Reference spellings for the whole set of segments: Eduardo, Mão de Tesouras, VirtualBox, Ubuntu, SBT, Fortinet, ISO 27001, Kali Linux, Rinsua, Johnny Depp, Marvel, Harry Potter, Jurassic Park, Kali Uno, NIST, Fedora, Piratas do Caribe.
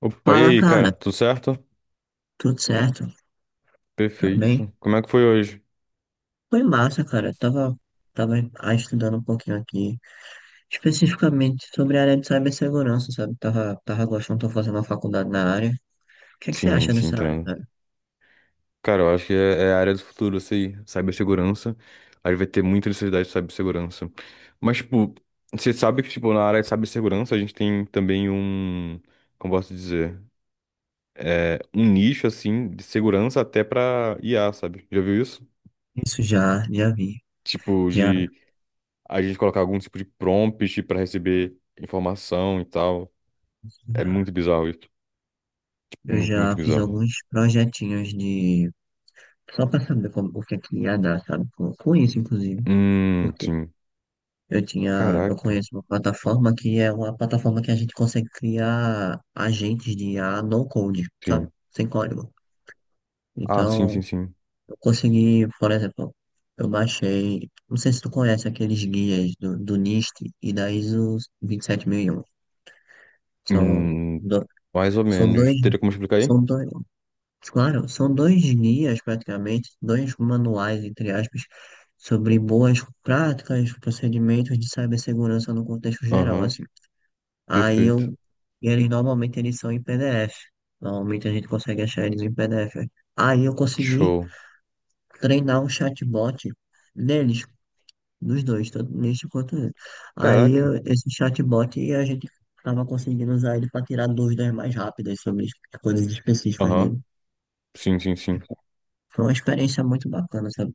Opa, e Fala, aí, cara? cara. Tudo certo? Tudo certo? Tá bem? Perfeito. Como é que foi hoje? Foi massa, cara. Eu tava, estudando um pouquinho aqui, especificamente sobre a área de cibersegurança, sabe? Tava gostando, tô fazendo uma faculdade na área. O que é que você Sim, acha sim, dessa área, entendo. cara? Cara, eu acho que é a área do futuro, isso aí. Cibersegurança. A gente vai ter muita necessidade de cibersegurança. Mas, tipo, você sabe que, tipo, na área de cibersegurança a gente tem também um, como posso dizer, é, um nicho, assim, de segurança até pra IA, sabe? Já viu isso? Isso já vi. Tipo, Já, de a gente colocar algum tipo de prompt pra receber informação e tal. É já. muito bizarro isso. Tipo, Eu muito já fiz bizarro. alguns projetinhos de. Só pra saber como, o que é que ia dar, sabe? Com isso, inclusive. Sim. Eu Caraca, conheço uma plataforma que é uma plataforma que a gente consegue criar agentes de IA no code, sabe? sim. Sem código. Ah, sim, sim, Então, sim. eu consegui, por exemplo, eu baixei, não sei se tu conhece aqueles guias do NIST e da ISO 27001. São, Hum, do, mais ou são menos. dois, Teria como explicar aí? são dois, claro, são dois guias praticamente, dois manuais, entre aspas, sobre boas práticas, procedimentos de cibersegurança no contexto geral, Aham, assim. Aí perfeito. eu, e eles normalmente eles são em PDF. Normalmente a gente consegue achar eles em PDF, né? Aí eu consegui Show. treinar um chatbot neles, dos dois, tanto neste quanto nele. Caraca. Esse chatbot a gente tava conseguindo usar ele para tirar dúvidas mais rápidas sobre as coisas específicas Aham, dele. sim, sim, sim. Foi uma experiência muito bacana, sabe?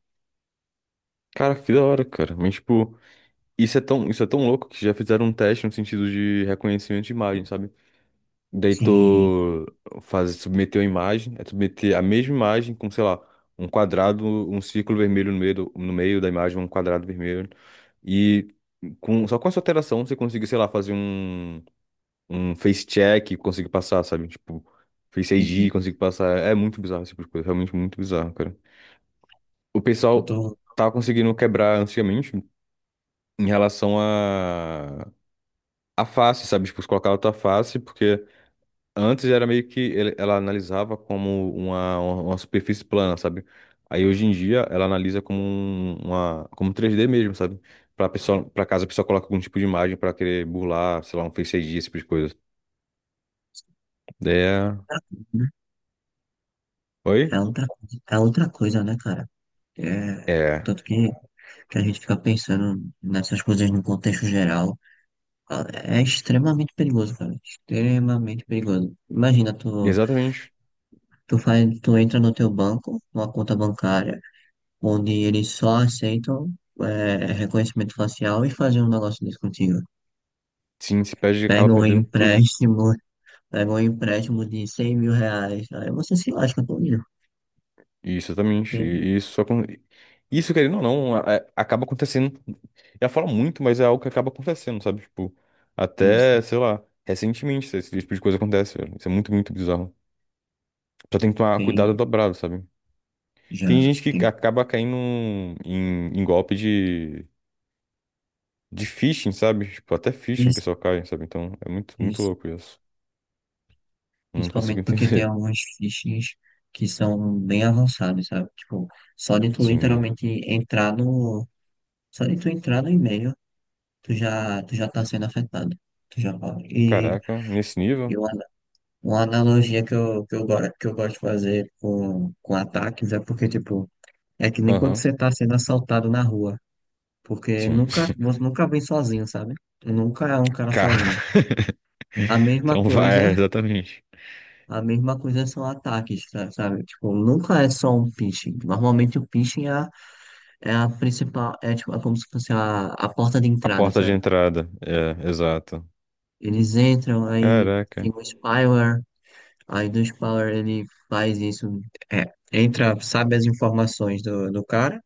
Cara, que da hora, cara. Mas, tipo, isso é tão louco que já fizeram um teste no sentido de reconhecimento de imagem, sabe? Daí Sim, tu faz, submeteu a imagem, é submeter a mesma imagem com, sei lá, um quadrado, um círculo vermelho no meio, no meio da imagem, um quadrado vermelho. E com, só com essa alteração você consegue sei lá, fazer um. Um face check e consigo passar, sabe? Tipo, Face ID e sim. consigo passar. É muito bizarro esse tipo de coisa, realmente muito bizarro, cara. O Eu pessoal tô. tava conseguindo quebrar antigamente em relação a face, sabe? Tipo, colocar outra face, porque antes era meio que ela analisava como uma superfície plana, sabe? Aí hoje em dia ela analisa como uma como 3D mesmo, sabe? Pra pessoa, pra caso a pessoa coloque algum tipo de imagem pra querer burlar, sei lá, um Face ID, esse tipo de coisa. Daí é... É Oi? outra, é outra coisa, né, cara? É, É tanto que a gente fica pensando nessas coisas no contexto geral, é extremamente perigoso, cara. Extremamente perigoso. Imagina, tu, exatamente. tu faz, tu entra no teu banco, numa conta bancária, onde eles só aceitam reconhecimento facial e fazer um negócio desse contigo. Sim, se perde, acaba Pega um perdendo tudo. empréstimo, pega um empréstimo de R$ 100.000. Aí você se lasca todo. Isso, exatamente. Tem E isso só Isso, querendo ou não, acaba acontecendo. Eu falo muito, mas é algo que acaba acontecendo, sabe? Tipo, isso, até, sei lá, recentemente esse tipo de coisa acontece, velho. Isso é muito bizarro. Só tem que tomar tem cuidado dobrado, sabe? Tem já, gente tem que acaba caindo em, em golpe de phishing, sabe? Tipo, até phishing o isso, pessoal cai, sabe? Então, é muito isso. louco isso. Não consigo Principalmente porque tem entender. alguns phishings que são bem avançados, sabe? Tipo, só de tu Sim. literalmente entrar no. Só de tu entrar no e-mail, tu já tá sendo afetado. Tu já pode. E, Caraca, nesse e nível? uma analogia que eu gosto de fazer com ataques é porque, tipo, é que nem quando Aham. você tá sendo assaltado na rua. Porque Sim. nunca, você nunca vem sozinho, sabe? Tu nunca é um cara Cara. sozinho. A mesma Então vai, é, coisa. exatamente. A mesma coisa são ataques, sabe? Tipo, nunca é só um phishing. Normalmente o phishing é a principal, é tipo, é como se fosse a porta de A entrada, porta de sabe? entrada. É, exato. Eles entram, aí tem Caraca. um spyware, aí do spyware ele faz isso, é, entra, sabe as informações do cara,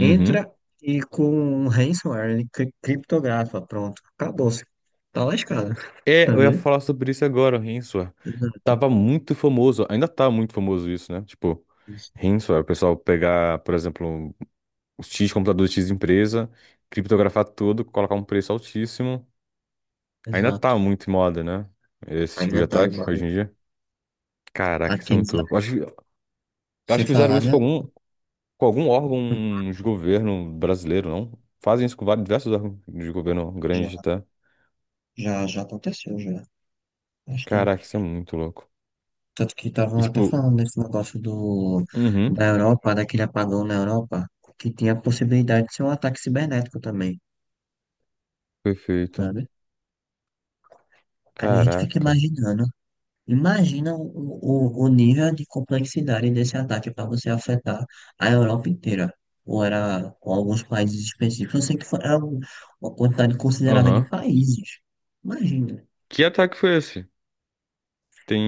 Uhum. e com um ransomware ele criptografa, pronto, acabou-se. Tá lascado, É, eu ia sabia? falar sobre isso agora, o Rinsua. Exato, Tava muito famoso, ainda tá muito famoso isso, né? Tipo, isso, Rinsua, o pessoal pegar, por exemplo, os X computador X empresa, criptografar tudo, colocar um preço altíssimo. Ainda exato. tá muito em moda, né? Esse tipo de Ainda tá ataque igual. hoje em dia. Caraca, isso é Aqueles, muito ah, louco. Eu Sem acho que fizeram falar, isso né? com algum, com algum órgão de governo brasileiro, não? Fazem isso com vários, diversos órgãos de governo grande até. Já, já aconteceu, já. Bastante. Caraca, isso é muito louco. Tanto que E, estavam até tipo, falando desse negócio do, uhum, da Europa, daquele apagão na Europa, que tinha a possibilidade de ser um ataque cibernético também, perfeito. sabe? Aí a gente fica Caraca. imaginando. Imagina o nível de complexidade desse ataque para você afetar a Europa inteira. Ou era ou alguns países específicos. Eu sei que era uma quantidade considerável de Aham. países. Imagina. Que ataque foi esse?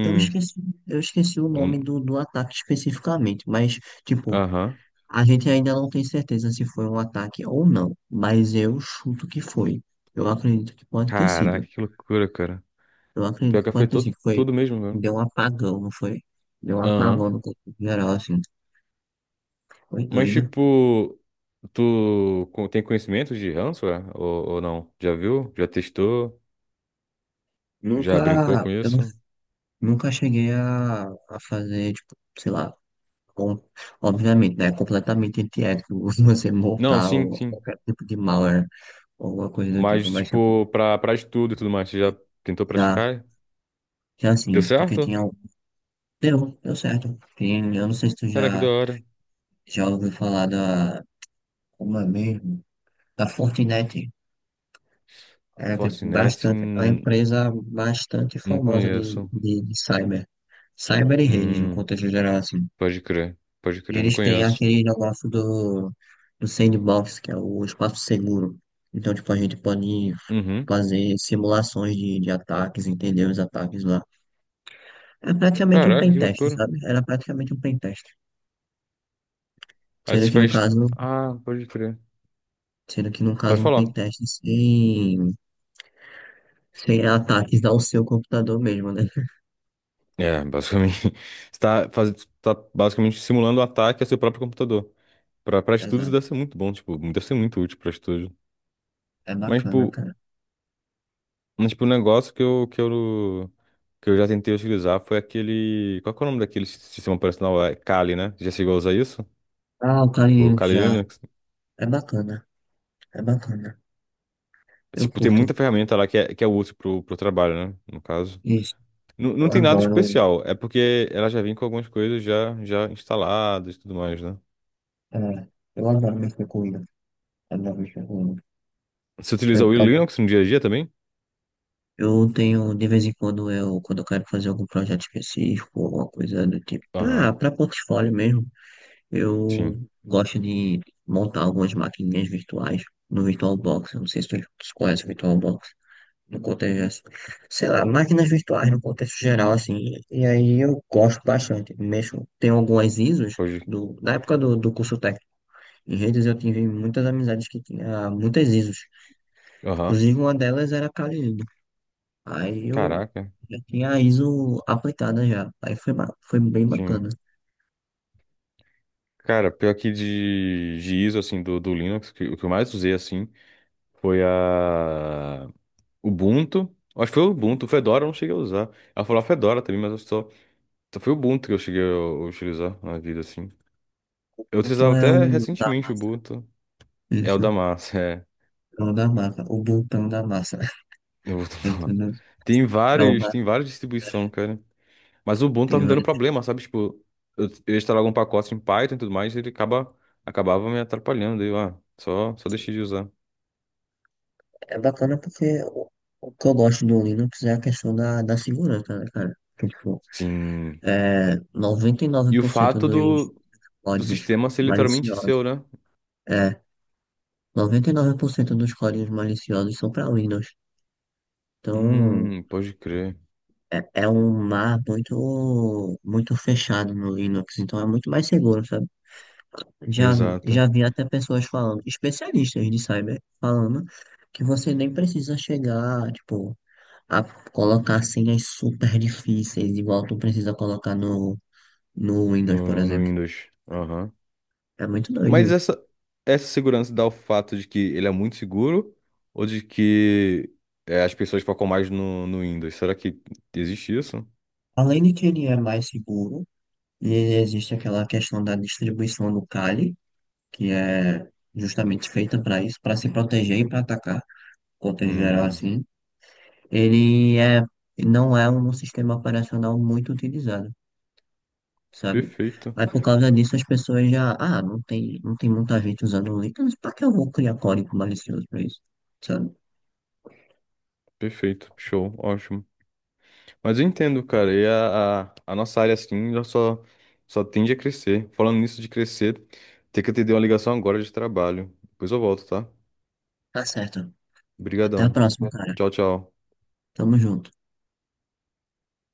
Eu esqueci, eu esqueci o nome um... do ataque especificamente, mas. Tipo, Aham. a gente ainda não tem certeza se foi um ataque ou não, mas eu chuto que foi. Eu acredito que pode ter sido. Caraca, que loucura, cara. Eu Pior acredito que que pode ter afetou sido. Tudo mesmo, velho. Deu um apagão, não foi? Deu um Aham. apagão no corpo geral, assim. Foi Mas, doido. tipo, tu tem conhecimento de ransomware ou não? Já viu? Já testou? Nunca, Já brincou com eu não- isso? nunca cheguei a fazer, tipo, sei lá, com- obviamente, né? É completamente antiético você Não, montar sim, ou sim. qualquer tipo de malware ou alguma coisa do tipo, Mas, mas tipo, tipo, pra, pra estudo e tudo mais, você já tentou já, praticar? já Deu assim, porque certo? tinha um. Deu certo. Eu não sei se tu Cara, que da já. hora. Já ouviu falar da, como é mesmo? Da Fortinet. É Fortinet, bastante, é uma empresa bastante não famosa de, conheço. de, de cyber. Cyber e redes, no Hum, contexto geral, assim. Pode E crer, não eles têm conheço. aquele negócio do sandbox, que é o espaço seguro. Então, tipo, a gente pode Uhum. fazer simulações de ataques, entender os ataques lá. É praticamente um Caraca, que pentest, loucura. sabe? Era praticamente um pentest. Aí Sendo você que no faz. caso, Ah, pode crer. sendo que no Pode caso um falar. pentest sem ataques ao seu computador mesmo, né? É, basicamente. Você tá, faz... tá basicamente simulando o ataque ao seu próprio computador. Pra, pra estudos Exato. deve ser muito bom, tipo, deve ser muito útil pra estudo. É Mas, bacana, tipo, cara. mas, tipo, o negócio que eu já tentei utilizar foi aquele. Qual que é o nome daquele sistema operacional? É Kali, né? Já chegou a usar isso? Ah, o O Kali Kali já. Linux? É bacana. É bacana. Eu Tipo, tem curto muita ferramenta lá que é útil pro, pro trabalho, né? No caso. isso. Não, Eu não tem nada adoro. especial, é porque ela já vem com algumas coisas já, já instaladas e tudo mais, né? É, eu adoro mexer com Windows. Adoro mexer com Windows. Você Eu, utiliza o tomo- Linux no dia a dia também? eu tenho, de vez em quando, quando eu quero fazer algum projeto específico, alguma coisa do tipo, pra, Aham, pra portfólio mesmo, eu sim. gosto de montar algumas maquininhas virtuais no VirtualBox. Eu não sei se tu conhece o VirtualBox, no contexto, sei lá, máquinas virtuais no contexto geral, assim, e aí eu gosto bastante, mexo, tem algumas ISOs, Hoje. da época do curso técnico, em redes eu tive muitas amizades que tinha muitas ISOs, Aham. inclusive uma delas era a Kali Uno. Aí eu Caraca, já tinha a ISO aplicada já, aí foi bem sim. bacana. Cara, pior que de ISO, assim, do, do Linux, que, o que eu mais usei, assim, foi a. Ubuntu. Acho que foi o Ubuntu. Fedora eu não cheguei a usar. Ela falou a Fedora também, mas eu só, só foi o Ubuntu que eu cheguei a utilizar na vida, assim. Eu O outro utilizava é até o da recentemente o massa, Ubuntu. É o da isso, massa, é. é o da massa, o botão da massa, O Ubuntu da massa. entendeu? Tem É vários, uma, tem várias distribuições, cara. Mas o Ubuntu tá tem me dando vários. problema, sabe? Tipo, eu instalava algum pacote em Python e tudo mais, acabava me atrapalhando. Daí eu, ah, só, só deixei de usar. É bacana porque o que eu gosto do Linux é a questão da segurança, né, cara? Que, tipo, Sim. Noventa e nove E o por cento fato dos do, do códigos sistema ser literalmente maliciosos, seu, né? é, 99% dos códigos maliciosos são para Windows. Então, Pode crer. é, é um mar muito, muito fechado no Linux, então é muito mais seguro, sabe? Já, Exato. já vi até pessoas falando, especialistas de cyber, falando que você nem precisa chegar, tipo, a colocar senhas super difíceis, igual tu precisa colocar no Windows, por No, no exemplo. Windows. Aham. É muito doido Mas isso. essa segurança dá o fato de que ele é muito seguro ou de que é, as pessoas focam mais no, no Windows? Será que existe isso? Além de que ele é mais seguro, e existe aquela questão da distribuição do Kali, que é justamente feita para isso, para se proteger e para atacar, contexto geral Hum, assim. Ele é, não é um sistema operacional muito utilizado, sabe? perfeito, Aí por causa disso as pessoas já, não tem muita gente usando link, mas pra que eu vou criar código malicioso pra isso, sabe? perfeito, show, ótimo. Mas eu entendo, cara, e a nossa área assim já só, só tende a crescer. Falando nisso de crescer, tem que atender uma ligação agora de trabalho. Depois eu volto, tá? Tá certo. Até a Obrigadão. próxima, cara. Tchau, tchau. Tamo junto.